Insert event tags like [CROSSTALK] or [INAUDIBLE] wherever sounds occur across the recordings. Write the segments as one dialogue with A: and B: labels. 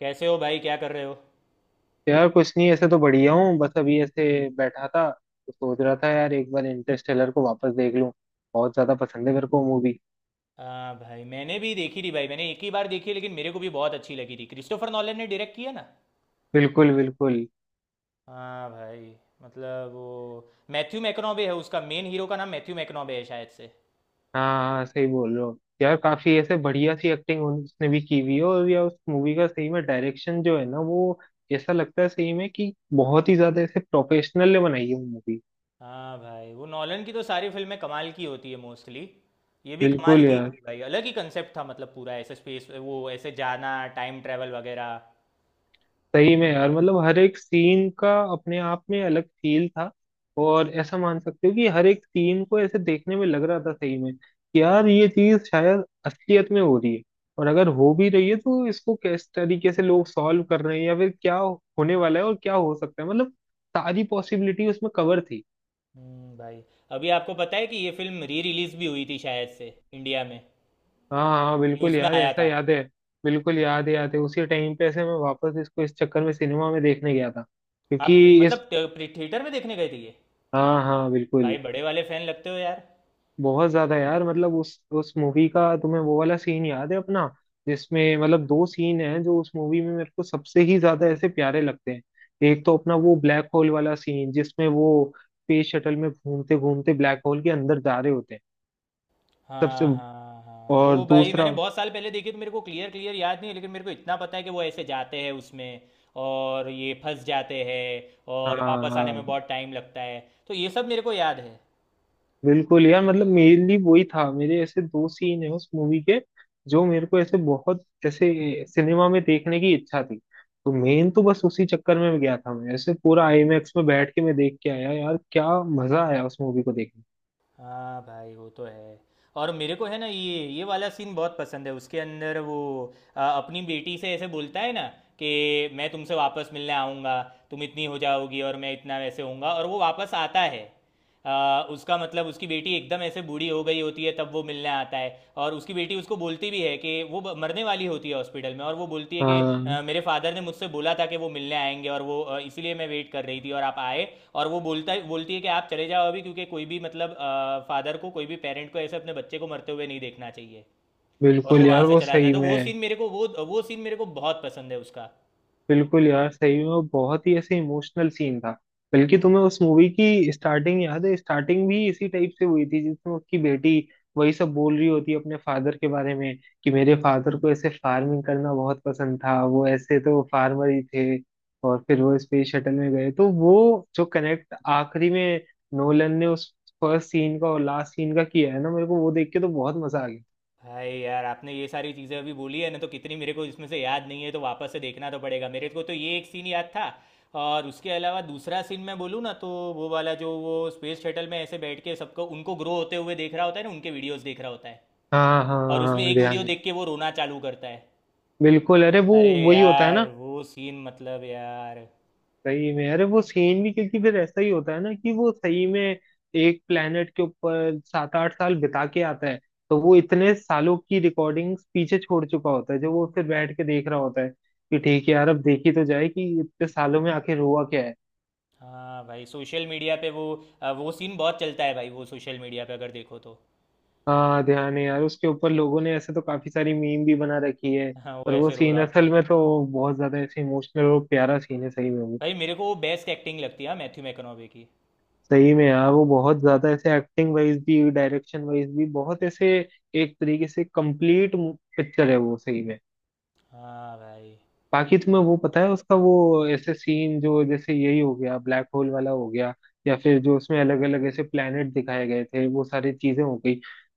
A: कैसे हो भाई? क्या कर रहे हो?
B: यार कुछ नहीं, ऐसे तो बढ़िया हूँ। बस अभी ऐसे बैठा था तो सोच रहा था यार एक बार इंटरस्टेलर को वापस देख लूँ। बहुत ज्यादा पसंद है मेरे को मूवी।
A: हाँ भाई, मैंने भी देखी थी भाई। मैंने एक ही बार देखी, लेकिन मेरे को भी बहुत अच्छी लगी थी। क्रिस्टोफर नॉलन ने डायरेक्ट किया ना?
B: बिल्कुल बिल्कुल।
A: हाँ भाई। मतलब वो। मैथ्यू मैकनॉबे है उसका, मेन हीरो का नाम मैथ्यू मैकनॉबे है शायद से।
B: हाँ हाँ सही बोल रहे हो यार, काफी ऐसे बढ़िया सी एक्टिंग उसने भी की हुई है। और यार उस मूवी का सही में डायरेक्शन जो है ना, वो ऐसा लगता है सही में कि बहुत ही ज्यादा ऐसे प्रोफेशनल ने बनाई है मूवी।
A: हाँ भाई, वो नॉलन की तो सारी फिल्में कमाल की होती है मोस्टली। ये भी कमाल
B: बिल्कुल
A: की
B: यार,
A: थी भाई। अलग ही कंसेप्ट था, मतलब पूरा ऐसे स्पेस, वो ऐसे जाना, टाइम ट्रेवल वगैरह।
B: सही में यार, मतलब हर एक सीन का अपने आप में अलग फील था। और ऐसा मान सकते हो कि हर एक सीन को ऐसे देखने में लग रहा था सही में कि यार ये चीज शायद असलियत में हो रही है। और अगर हो भी रही है तो इसको किस तरीके से लोग सॉल्व कर रहे हैं या फिर क्या होने वाला है और क्या हो सकता है, मतलब सारी पॉसिबिलिटी उसमें कवर थी।
A: भाई। अभी आपको पता है कि ये फिल्म री रिलीज भी हुई थी शायद से इंडिया में?
B: हाँ हाँ बिल्कुल
A: न्यूज़ में
B: यार,
A: आया
B: ऐसा
A: था।
B: याद है। बिल्कुल याद है, याद है। उसी टाइम पे ऐसे मैं वापस इसको इस चक्कर में सिनेमा में देखने गया था
A: आप
B: क्योंकि इस।
A: मतलब थिएटर में देखने गए थे ये?
B: हाँ हाँ बिल्कुल।
A: भाई बड़े वाले फैन लगते हो यार।
B: बहुत ज्यादा यार। मतलब उस मूवी का तुम्हें वो वाला सीन याद है अपना, जिसमें मतलब दो सीन हैं जो उस मूवी में मेरे को सबसे ही ज्यादा ऐसे प्यारे लगते हैं। एक तो अपना वो ब्लैक होल वाला सीन जिसमें वो स्पेस शटल में घूमते घूमते ब्लैक होल के अंदर जा रहे होते हैं। सबसे
A: हाँ हाँ हाँ वो,
B: और
A: भाई
B: दूसरा।
A: मैंने बहुत साल पहले देखी तो मेरे को क्लियर क्लियर याद नहीं है, लेकिन मेरे को इतना पता है कि वो ऐसे जाते हैं उसमें और ये फंस जाते हैं और वापस आने में
B: हाँ
A: बहुत टाइम लगता है। तो ये सब मेरे को याद है।
B: बिल्कुल यार, मतलब मेनली वही था मेरे ऐसे दो सीन है उस मूवी के जो मेरे को ऐसे बहुत ऐसे सिनेमा में देखने की इच्छा थी। तो मेन तो बस उसी चक्कर में गया था मैं, ऐसे पूरा
A: हाँ।
B: आईमैक्स में बैठ के मैं देख के आया। यार क्या मजा आया उस मूवी को देखने।
A: हाँ भाई, वो तो है। और मेरे को है ना, ये वाला सीन बहुत पसंद है उसके अंदर, वो अपनी बेटी से ऐसे बोलता है ना कि मैं तुमसे वापस मिलने आऊँगा, तुम इतनी हो जाओगी और मैं इतना वैसे होऊंगा और वो वापस आता है। उसका मतलब उसकी बेटी एकदम ऐसे बूढ़ी हो गई होती है, तब वो मिलने आता है। और उसकी बेटी उसको बोलती भी है कि वो मरने वाली होती है हॉस्पिटल में, और वो बोलती है कि
B: हाँ
A: मेरे फादर ने मुझसे बोला था कि वो मिलने आएंगे, और वो इसीलिए मैं वेट कर रही थी और आप आए। और वो बोलता बोलती है कि आप चले जाओ अभी, क्योंकि कोई भी मतलब फादर को, कोई भी पेरेंट को ऐसे अपने बच्चे को मरते हुए नहीं देखना चाहिए। और
B: बिल्कुल
A: वो वहां
B: यार,
A: से
B: वो
A: चला जाता
B: सही
A: है, तो
B: में।
A: वो सीन मेरे को बहुत पसंद है उसका।
B: बिल्कुल यार, सही में वो बहुत ही ऐसे इमोशनल सीन था। बल्कि तुम्हें उस मूवी की स्टार्टिंग याद है? स्टार्टिंग भी इसी टाइप से हुई थी जिसमें उसकी बेटी वही सब बोल रही होती है अपने फादर के बारे में कि मेरे फादर को ऐसे फार्मिंग करना बहुत पसंद था, वो ऐसे तो फार्मर ही थे। और फिर वो स्पेस शटल में गए, तो वो जो कनेक्ट आखिरी में नोलन ने उस फर्स्ट सीन का और लास्ट सीन का किया है ना, मेरे को वो देख के तो बहुत मजा आ गया।
A: भाई यार आपने ये सारी चीज़ें अभी बोली है ना, तो कितनी मेरे को इसमें से याद नहीं है, तो वापस से देखना तो पड़ेगा मेरे को, तो ये एक सीन याद था। और उसके अलावा दूसरा सीन मैं बोलूँ ना तो वो वाला, जो वो स्पेस शटल में ऐसे बैठ के सबको उनको ग्रो होते हुए देख रहा होता है ना, उनके वीडियोस देख रहा होता है,
B: हाँ हाँ
A: और उसमें
B: हाँ
A: एक
B: ध्यान
A: वीडियो
B: है।
A: देख के वो रोना चालू करता है।
B: बिल्कुल, अरे वो
A: अरे
B: वही होता है
A: यार
B: ना।
A: वो सीन मतलब यार।
B: सही में, अरे वो सीन भी, क्योंकि फिर ऐसा ही होता है ना कि वो सही में एक प्लेनेट के ऊपर सात आठ साल बिता के आता है, तो वो इतने सालों की रिकॉर्डिंग्स पीछे छोड़ चुका होता है जो वो फिर बैठ के देख रहा होता है कि
A: हम्म,
B: ठीक है यार अब देखी तो जाए कि इतने सालों में आखिर हुआ क्या है।
A: हाँ भाई सोशल मीडिया पे वो सीन बहुत चलता है भाई, वो सोशल मीडिया पे अगर देखो तो।
B: हाँ ध्यान है यार, उसके ऊपर लोगों ने ऐसे तो काफी सारी मीम भी बना रखी है।
A: [LAUGHS] हाँ वो
B: पर वो
A: ऐसे रो रहा
B: सीन
A: होता
B: असल
A: है।
B: में तो बहुत ज्यादा ऐसे इमोशनल और प्यारा सीन है सही में।
A: भाई मेरे को वो बेस्ट एक्टिंग लगती है मैथ्यू मैकनोवे की।
B: सही में यार, वो बहुत ज्यादा ऐसे एक्टिंग वाइज भी डायरेक्शन वाइज भी बहुत ऐसे एक तरीके से कंप्लीट पिक्चर है वो सही में।
A: हाँ भाई।
B: बाकी तुम्हें वो पता है उसका वो ऐसे सीन जो, जैसे यही हो गया ब्लैक होल वाला हो गया, या फिर जो उसमें अलग अलग ऐसे प्लेनेट दिखाए गए थे वो सारी चीजें हो गई,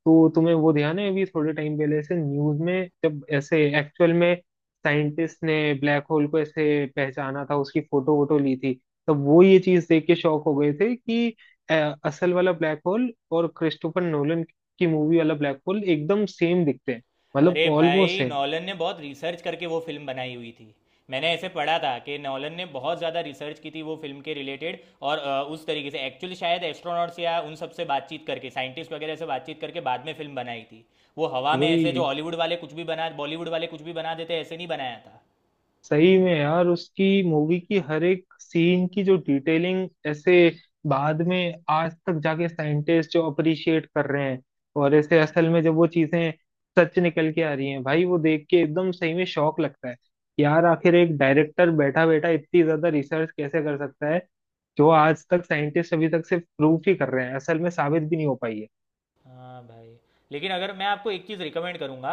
B: तो तुम्हें वो ध्यान है अभी थोड़े टाइम पहले ऐसे न्यूज में जब ऐसे एक्चुअल में साइंटिस्ट ने ब्लैक होल को ऐसे पहचाना था, उसकी फोटो वोटो ली थी, तब वो ये चीज देख के शॉक हो गए थे कि अ, असल वाला ब्लैक होल और क्रिस्टोफर नोलन की मूवी वाला ब्लैक होल एकदम सेम दिखते हैं, मतलब
A: अरे
B: ऑलमोस्ट
A: भाई
B: सेम।
A: नॉलन ने बहुत रिसर्च करके वो फिल्म बनाई हुई थी। मैंने ऐसे पढ़ा था कि नॉलन ने बहुत ज़्यादा रिसर्च की थी वो फिल्म के रिलेटेड, और उस तरीके से एक्चुअली शायद एस्ट्रोनॉट्स या उन सब से बातचीत करके, साइंटिस्ट वगैरह से बातचीत करके बाद में फिल्म बनाई थी। वो हवा में ऐसे जो
B: वही,
A: हॉलीवुड वाले कुछ भी बना, बॉलीवुड वाले कुछ भी बना देते, ऐसे नहीं बनाया था।
B: सही में यार उसकी मूवी की हर एक सीन की जो डिटेलिंग ऐसे बाद में आज तक जाके साइंटिस्ट जो अप्रिशिएट कर रहे हैं, और ऐसे असल में जब वो चीजें सच निकल के आ रही हैं भाई, वो देख के एकदम सही में शौक लगता है। यार आखिर एक डायरेक्टर बैठा बैठा इतनी ज्यादा रिसर्च कैसे कर सकता है जो आज तक साइंटिस्ट अभी तक सिर्फ प्रूफ ही कर रहे हैं, असल में साबित भी नहीं हो पाई है।
A: हाँ भाई। लेकिन अगर मैं आपको एक चीज़ रिकमेंड करूंगा,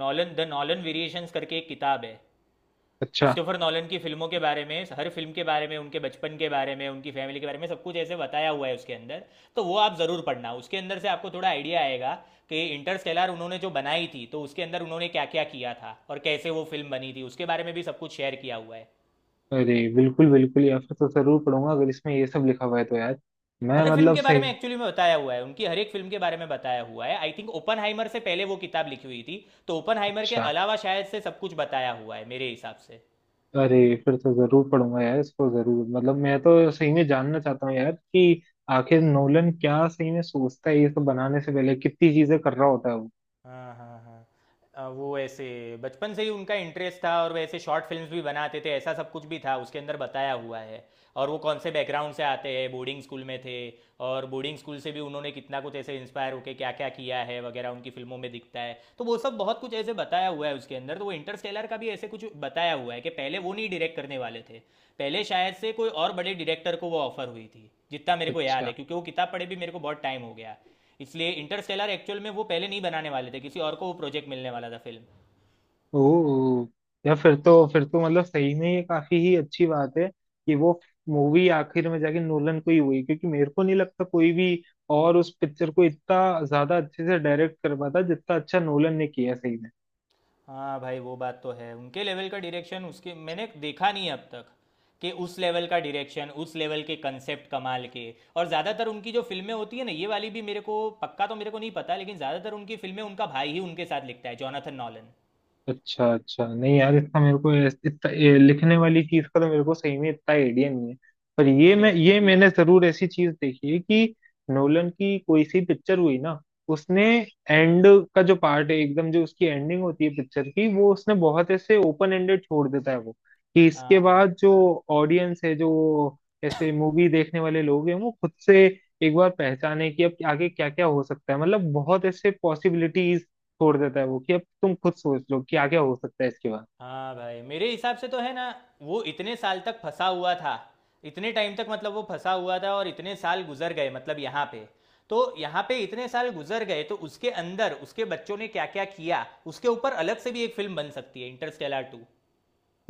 A: नॉलन द नॉलन वेरिएशंस करके एक किताब है,
B: अच्छा।
A: क्रिस्टोफर नॉलन की फिल्मों के बारे में, हर फिल्म के बारे में, उनके बचपन के बारे में, उनकी फैमिली के बारे में सब कुछ ऐसे बताया हुआ है उसके अंदर। तो वो आप ज़रूर पढ़ना, उसके अंदर से आपको थोड़ा आइडिया आएगा कि इंटरस्टेलर उन्होंने जो बनाई थी तो उसके अंदर उन्होंने क्या क्या किया था और कैसे वो फिल्म बनी थी उसके बारे में भी सब कुछ शेयर किया हुआ है।
B: अरे बिल्कुल बिल्कुल, या फिर तो जरूर पढ़ूंगा अगर इसमें ये सब लिखा हुआ है तो। यार मैं
A: हर फिल्म
B: मतलब
A: के बारे
B: सही।
A: में एक्चुअली में बताया हुआ है, उनकी हर एक फिल्म के बारे में बताया हुआ है। आई थिंक ओपन से पहले वो किताब लिखी हुई थी, तो ओपन के
B: अच्छा,
A: अलावा शायद से सब कुछ बताया हुआ है मेरे हिसाब से।
B: अरे फिर तो जरूर पढ़ूंगा यार इसको, जरूर। मतलब मैं तो सही में जानना चाहता हूँ यार कि आखिर नोलन क्या सही में सोचता है ये सब बनाने से पहले, कितनी चीजें कर रहा होता है वो।
A: हाँ, हाँ, हाँ। वो ऐसे बचपन से ही उनका इंटरेस्ट था और वैसे शॉर्ट फिल्म्स भी बनाते थे, ऐसा सब कुछ भी था उसके अंदर बताया हुआ है। और वो कौन से बैकग्राउंड से आते हैं, बोर्डिंग स्कूल में थे, और बोर्डिंग स्कूल से भी उन्होंने कितना कुछ ऐसे इंस्पायर होके क्या क्या किया है वगैरह उनकी फिल्मों में दिखता है, तो वो सब बहुत कुछ ऐसे बताया हुआ है उसके अंदर। तो वो इंटरस्टेलर का भी ऐसे कुछ बताया हुआ है कि पहले वो नहीं डायरेक्ट करने वाले थे, पहले शायद से कोई और बड़े डायरेक्टर को वो ऑफर हुई थी जितना मेरे को याद है,
B: अच्छा।
A: क्योंकि वो किताब पढ़े भी मेरे को बहुत टाइम हो गया। इसलिए इंटरस्टेलर एक्चुअल में वो पहले नहीं बनाने वाले थे, किसी और को वो प्रोजेक्ट मिलने वाला था फिल्म।
B: ओ यार, फिर तो मतलब सही में ये काफी ही अच्छी बात है कि वो मूवी आखिर में जाके नोलन को ही हुई, क्योंकि मेरे को नहीं लगता कोई भी और उस पिक्चर को इतना ज्यादा अच्छे से डायरेक्ट कर पाता जितना अच्छा नोलन ने किया है सही में।
A: हाँ भाई वो बात तो है, उनके लेवल का डायरेक्शन उसके मैंने देखा नहीं अब तक, कि उस लेवल का डायरेक्शन, उस लेवल के कंसेप्ट कमाल के। और ज़्यादातर उनकी जो फिल्में होती है ना, ये वाली भी मेरे को पक्का तो मेरे को नहीं पता, लेकिन ज़्यादातर उनकी फिल्में उनका भाई ही उनके साथ लिखता है, जोनाथन नॉलन।
B: अच्छा अच्छा, नहीं यार इतना मेरे को इतना ये लिखने वाली चीज का तो मेरे को सही में इतना आइडिया नहीं है। पर ये
A: नहीं
B: मैं,
A: नहीं
B: ये
A: उनकी।
B: मैंने जरूर ऐसी चीज देखी है कि नोलन की कोई सी पिक्चर हुई ना, उसने एंड का जो पार्ट है, एकदम जो उसकी एंडिंग होती है पिक्चर की, वो उसने बहुत ऐसे ओपन एंडेड छोड़ देता है वो। कि इसके
A: हाँ।
B: बाद जो ऑडियंस है, जो ऐसे मूवी देखने वाले लोग हैं, वो खुद से एक बार पहचाने कि अब आगे क्या क्या हो सकता है। मतलब बहुत ऐसे पॉसिबिलिटीज छोड़ देता है वो कि अब तुम खुद सोच लो क्या क्या हो सकता है इसके बाद।
A: हाँ भाई मेरे हिसाब से तो है ना, वो इतने साल तक फंसा हुआ था, इतने टाइम तक, मतलब वो फंसा हुआ था और इतने साल गुजर गए मतलब यहाँ पे, तो यहाँ पे इतने साल गुजर गए, तो उसके अंदर उसके बच्चों ने क्या क्या किया उसके ऊपर अलग से भी एक फिल्म बन सकती है, इंटरस्टेलर टू।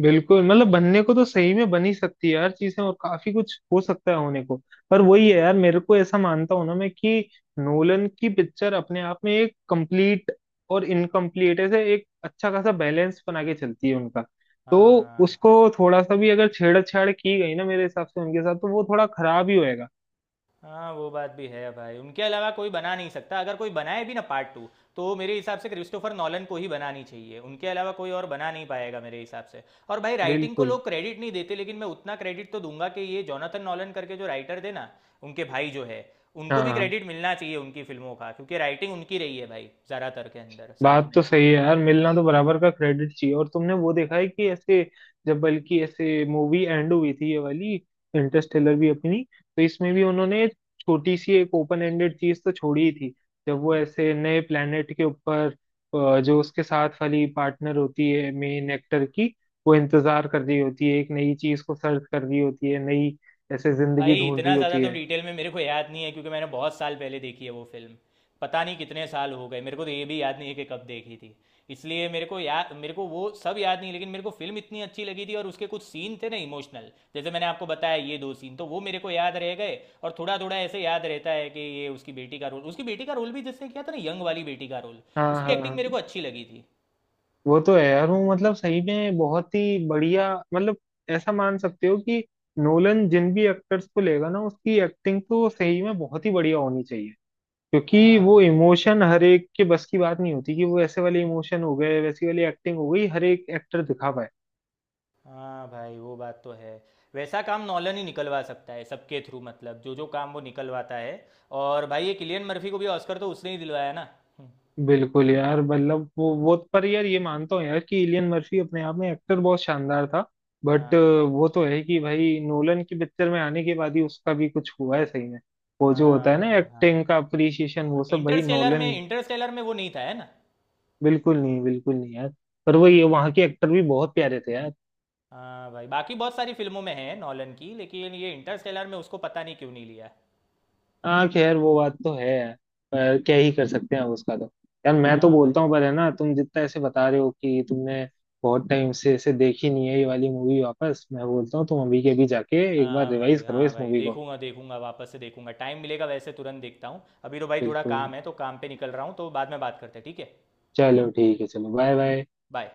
B: बिल्कुल, मतलब बनने को तो सही में बन ही सकती है यार चीजें, और काफी कुछ हो सकता है होने को। पर वही है यार, मेरे को ऐसा मानता हूं ना मैं कि नोलन की पिक्चर अपने आप में एक कंप्लीट और इनकम्प्लीट ऐसे एक अच्छा खासा बैलेंस बना के चलती है उनका। तो
A: हाँ।
B: उसको थोड़ा सा भी अगर छेड़छाड़ की गई ना मेरे हिसाब से उनके साथ, तो वो थोड़ा खराब ही होएगा।
A: हाँ वो बात भी है भाई, उनके अलावा कोई बना नहीं सकता, अगर कोई बनाए भी ना पार्ट टू, तो मेरे हिसाब से क्रिस्टोफर नॉलन को ही बनानी चाहिए, उनके अलावा कोई और बना नहीं पाएगा मेरे हिसाब से। और भाई राइटिंग को
B: बिल्कुल।
A: लोग क्रेडिट नहीं देते, लेकिन मैं उतना क्रेडिट तो दूंगा कि ये जोनाथन नॉलन करके जो राइटर थे ना, उनके भाई जो है, उनको
B: हाँ
A: भी
B: हाँ।
A: क्रेडिट मिलना चाहिए उनकी फिल्मों का, क्योंकि राइटिंग उनकी रही है भाई ज़्यादातर के अंदर साथ
B: बात
A: में।
B: तो सही है यार, मिलना तो बराबर का क्रेडिट चाहिए। और तुमने वो देखा है कि ऐसे जब बल्कि ऐसे मूवी एंड हुई थी ये वाली, इंटरस्टेलर भी अपनी, तो इसमें भी उन्होंने छोटी सी एक ओपन एंडेड चीज तो छोड़ी ही थी। जब वो ऐसे नए प्लेनेट के ऊपर, जो उसके साथ वाली पार्टनर होती है मेन एक्टर की, वो इंतजार कर रही होती है, एक नई चीज को सर्च कर रही होती है, नई ऐसे
A: भाई
B: जिंदगी ढूंढ
A: इतना
B: रही
A: ज़्यादा
B: होती
A: तो
B: है।
A: डिटेल में मेरे को याद नहीं है, क्योंकि मैंने बहुत साल पहले देखी है वो फिल्म, पता नहीं कितने साल हो गए, मेरे को तो ये भी याद नहीं है कि कब देखी थी, इसलिए मेरे को वो सब याद नहीं, लेकिन मेरे को फिल्म इतनी अच्छी लगी थी और उसके कुछ सीन थे ना इमोशनल, जैसे मैंने आपको बताया ये दो सीन, तो वो मेरे को याद रह गए। और थोड़ा थोड़ा ऐसे याद रहता है कि ये उसकी बेटी का रोल भी, जिसने किया था ना, यंग वाली बेटी का रोल,
B: हाँ
A: उसकी
B: हाँ
A: एक्टिंग
B: हाँ।
A: मेरे को अच्छी लगी थी।
B: वो तो है यार, वो मतलब सही में बहुत ही बढ़िया। मतलब ऐसा मान सकते हो कि नोलन जिन भी एक्टर्स को लेगा ना, उसकी एक्टिंग तो सही में बहुत ही बढ़िया होनी चाहिए। क्योंकि
A: हाँ
B: वो
A: भाई,
B: इमोशन हर एक के बस की बात नहीं होती कि वो ऐसे वाले इमोशन हो गए वैसी वाली एक्टिंग हो गई, हर एक एक्टर दिखा पाए।
A: हाँ भाई वो बात तो है। वैसा काम नॉलन ही निकलवा सकता है सबके थ्रू, मतलब जो जो काम वो निकलवाता है। और भाई ये किलियन मर्फी को भी ऑस्कर तो उसने ही दिलवाया ना। हम्म,
B: बिल्कुल यार, मतलब वो पर यार ये मानता हूँ यार कि इलियन मर्फी अपने आप में एक्टर बहुत शानदार था। बट
A: हाँ
B: वो तो है कि भाई नोलन की पिक्चर में आने के बाद ही उसका भी कुछ हुआ है सही में। वो जो
A: हाँ
B: होता है ना
A: भाई। हाँ,
B: एक्टिंग का अप्रिसिएशन,
A: हाँ
B: वो सब भाई
A: इंटरस्टेलर में
B: नोलन ही।
A: इंटरस्टेलर में वो नहीं था है ना?
B: बिल्कुल नहीं यार। पर वो, ये वहाँ के
A: हम्म।
B: एक्टर भी बहुत प्यारे थे यार।
A: हाँ भाई बाकी बहुत सारी फिल्मों में है नॉलन की, लेकिन ये इंटरस्टेलर में उसको पता नहीं क्यों नहीं लिया।
B: हाँ खैर वो बात तो है यार, पर क्या ही कर सकते हैं अब उसका तो। यार मैं तो
A: हाँ भाई।
B: बोलता हूँ, पर है ना तुम जितना ऐसे बता रहे हो कि तुमने बहुत टाइम से ऐसे देखी नहीं है ये वाली मूवी, वापस मैं बोलता हूँ तुम अभी के अभी जाके एक बार
A: हाँ भाई
B: रिवाइज करो
A: हाँ
B: इस
A: भाई
B: मूवी को।
A: देखूंगा देखूंगा वापस से देखूंगा, टाइम मिलेगा वैसे तुरंत देखता हूँ, अभी तो भाई थोड़ा
B: बिल्कुल।
A: काम है तो काम पे निकल रहा हूँ, तो बाद में बात करते हैं ठीक है।
B: चलो ठीक है, चलो बाय बाय।
A: बाय।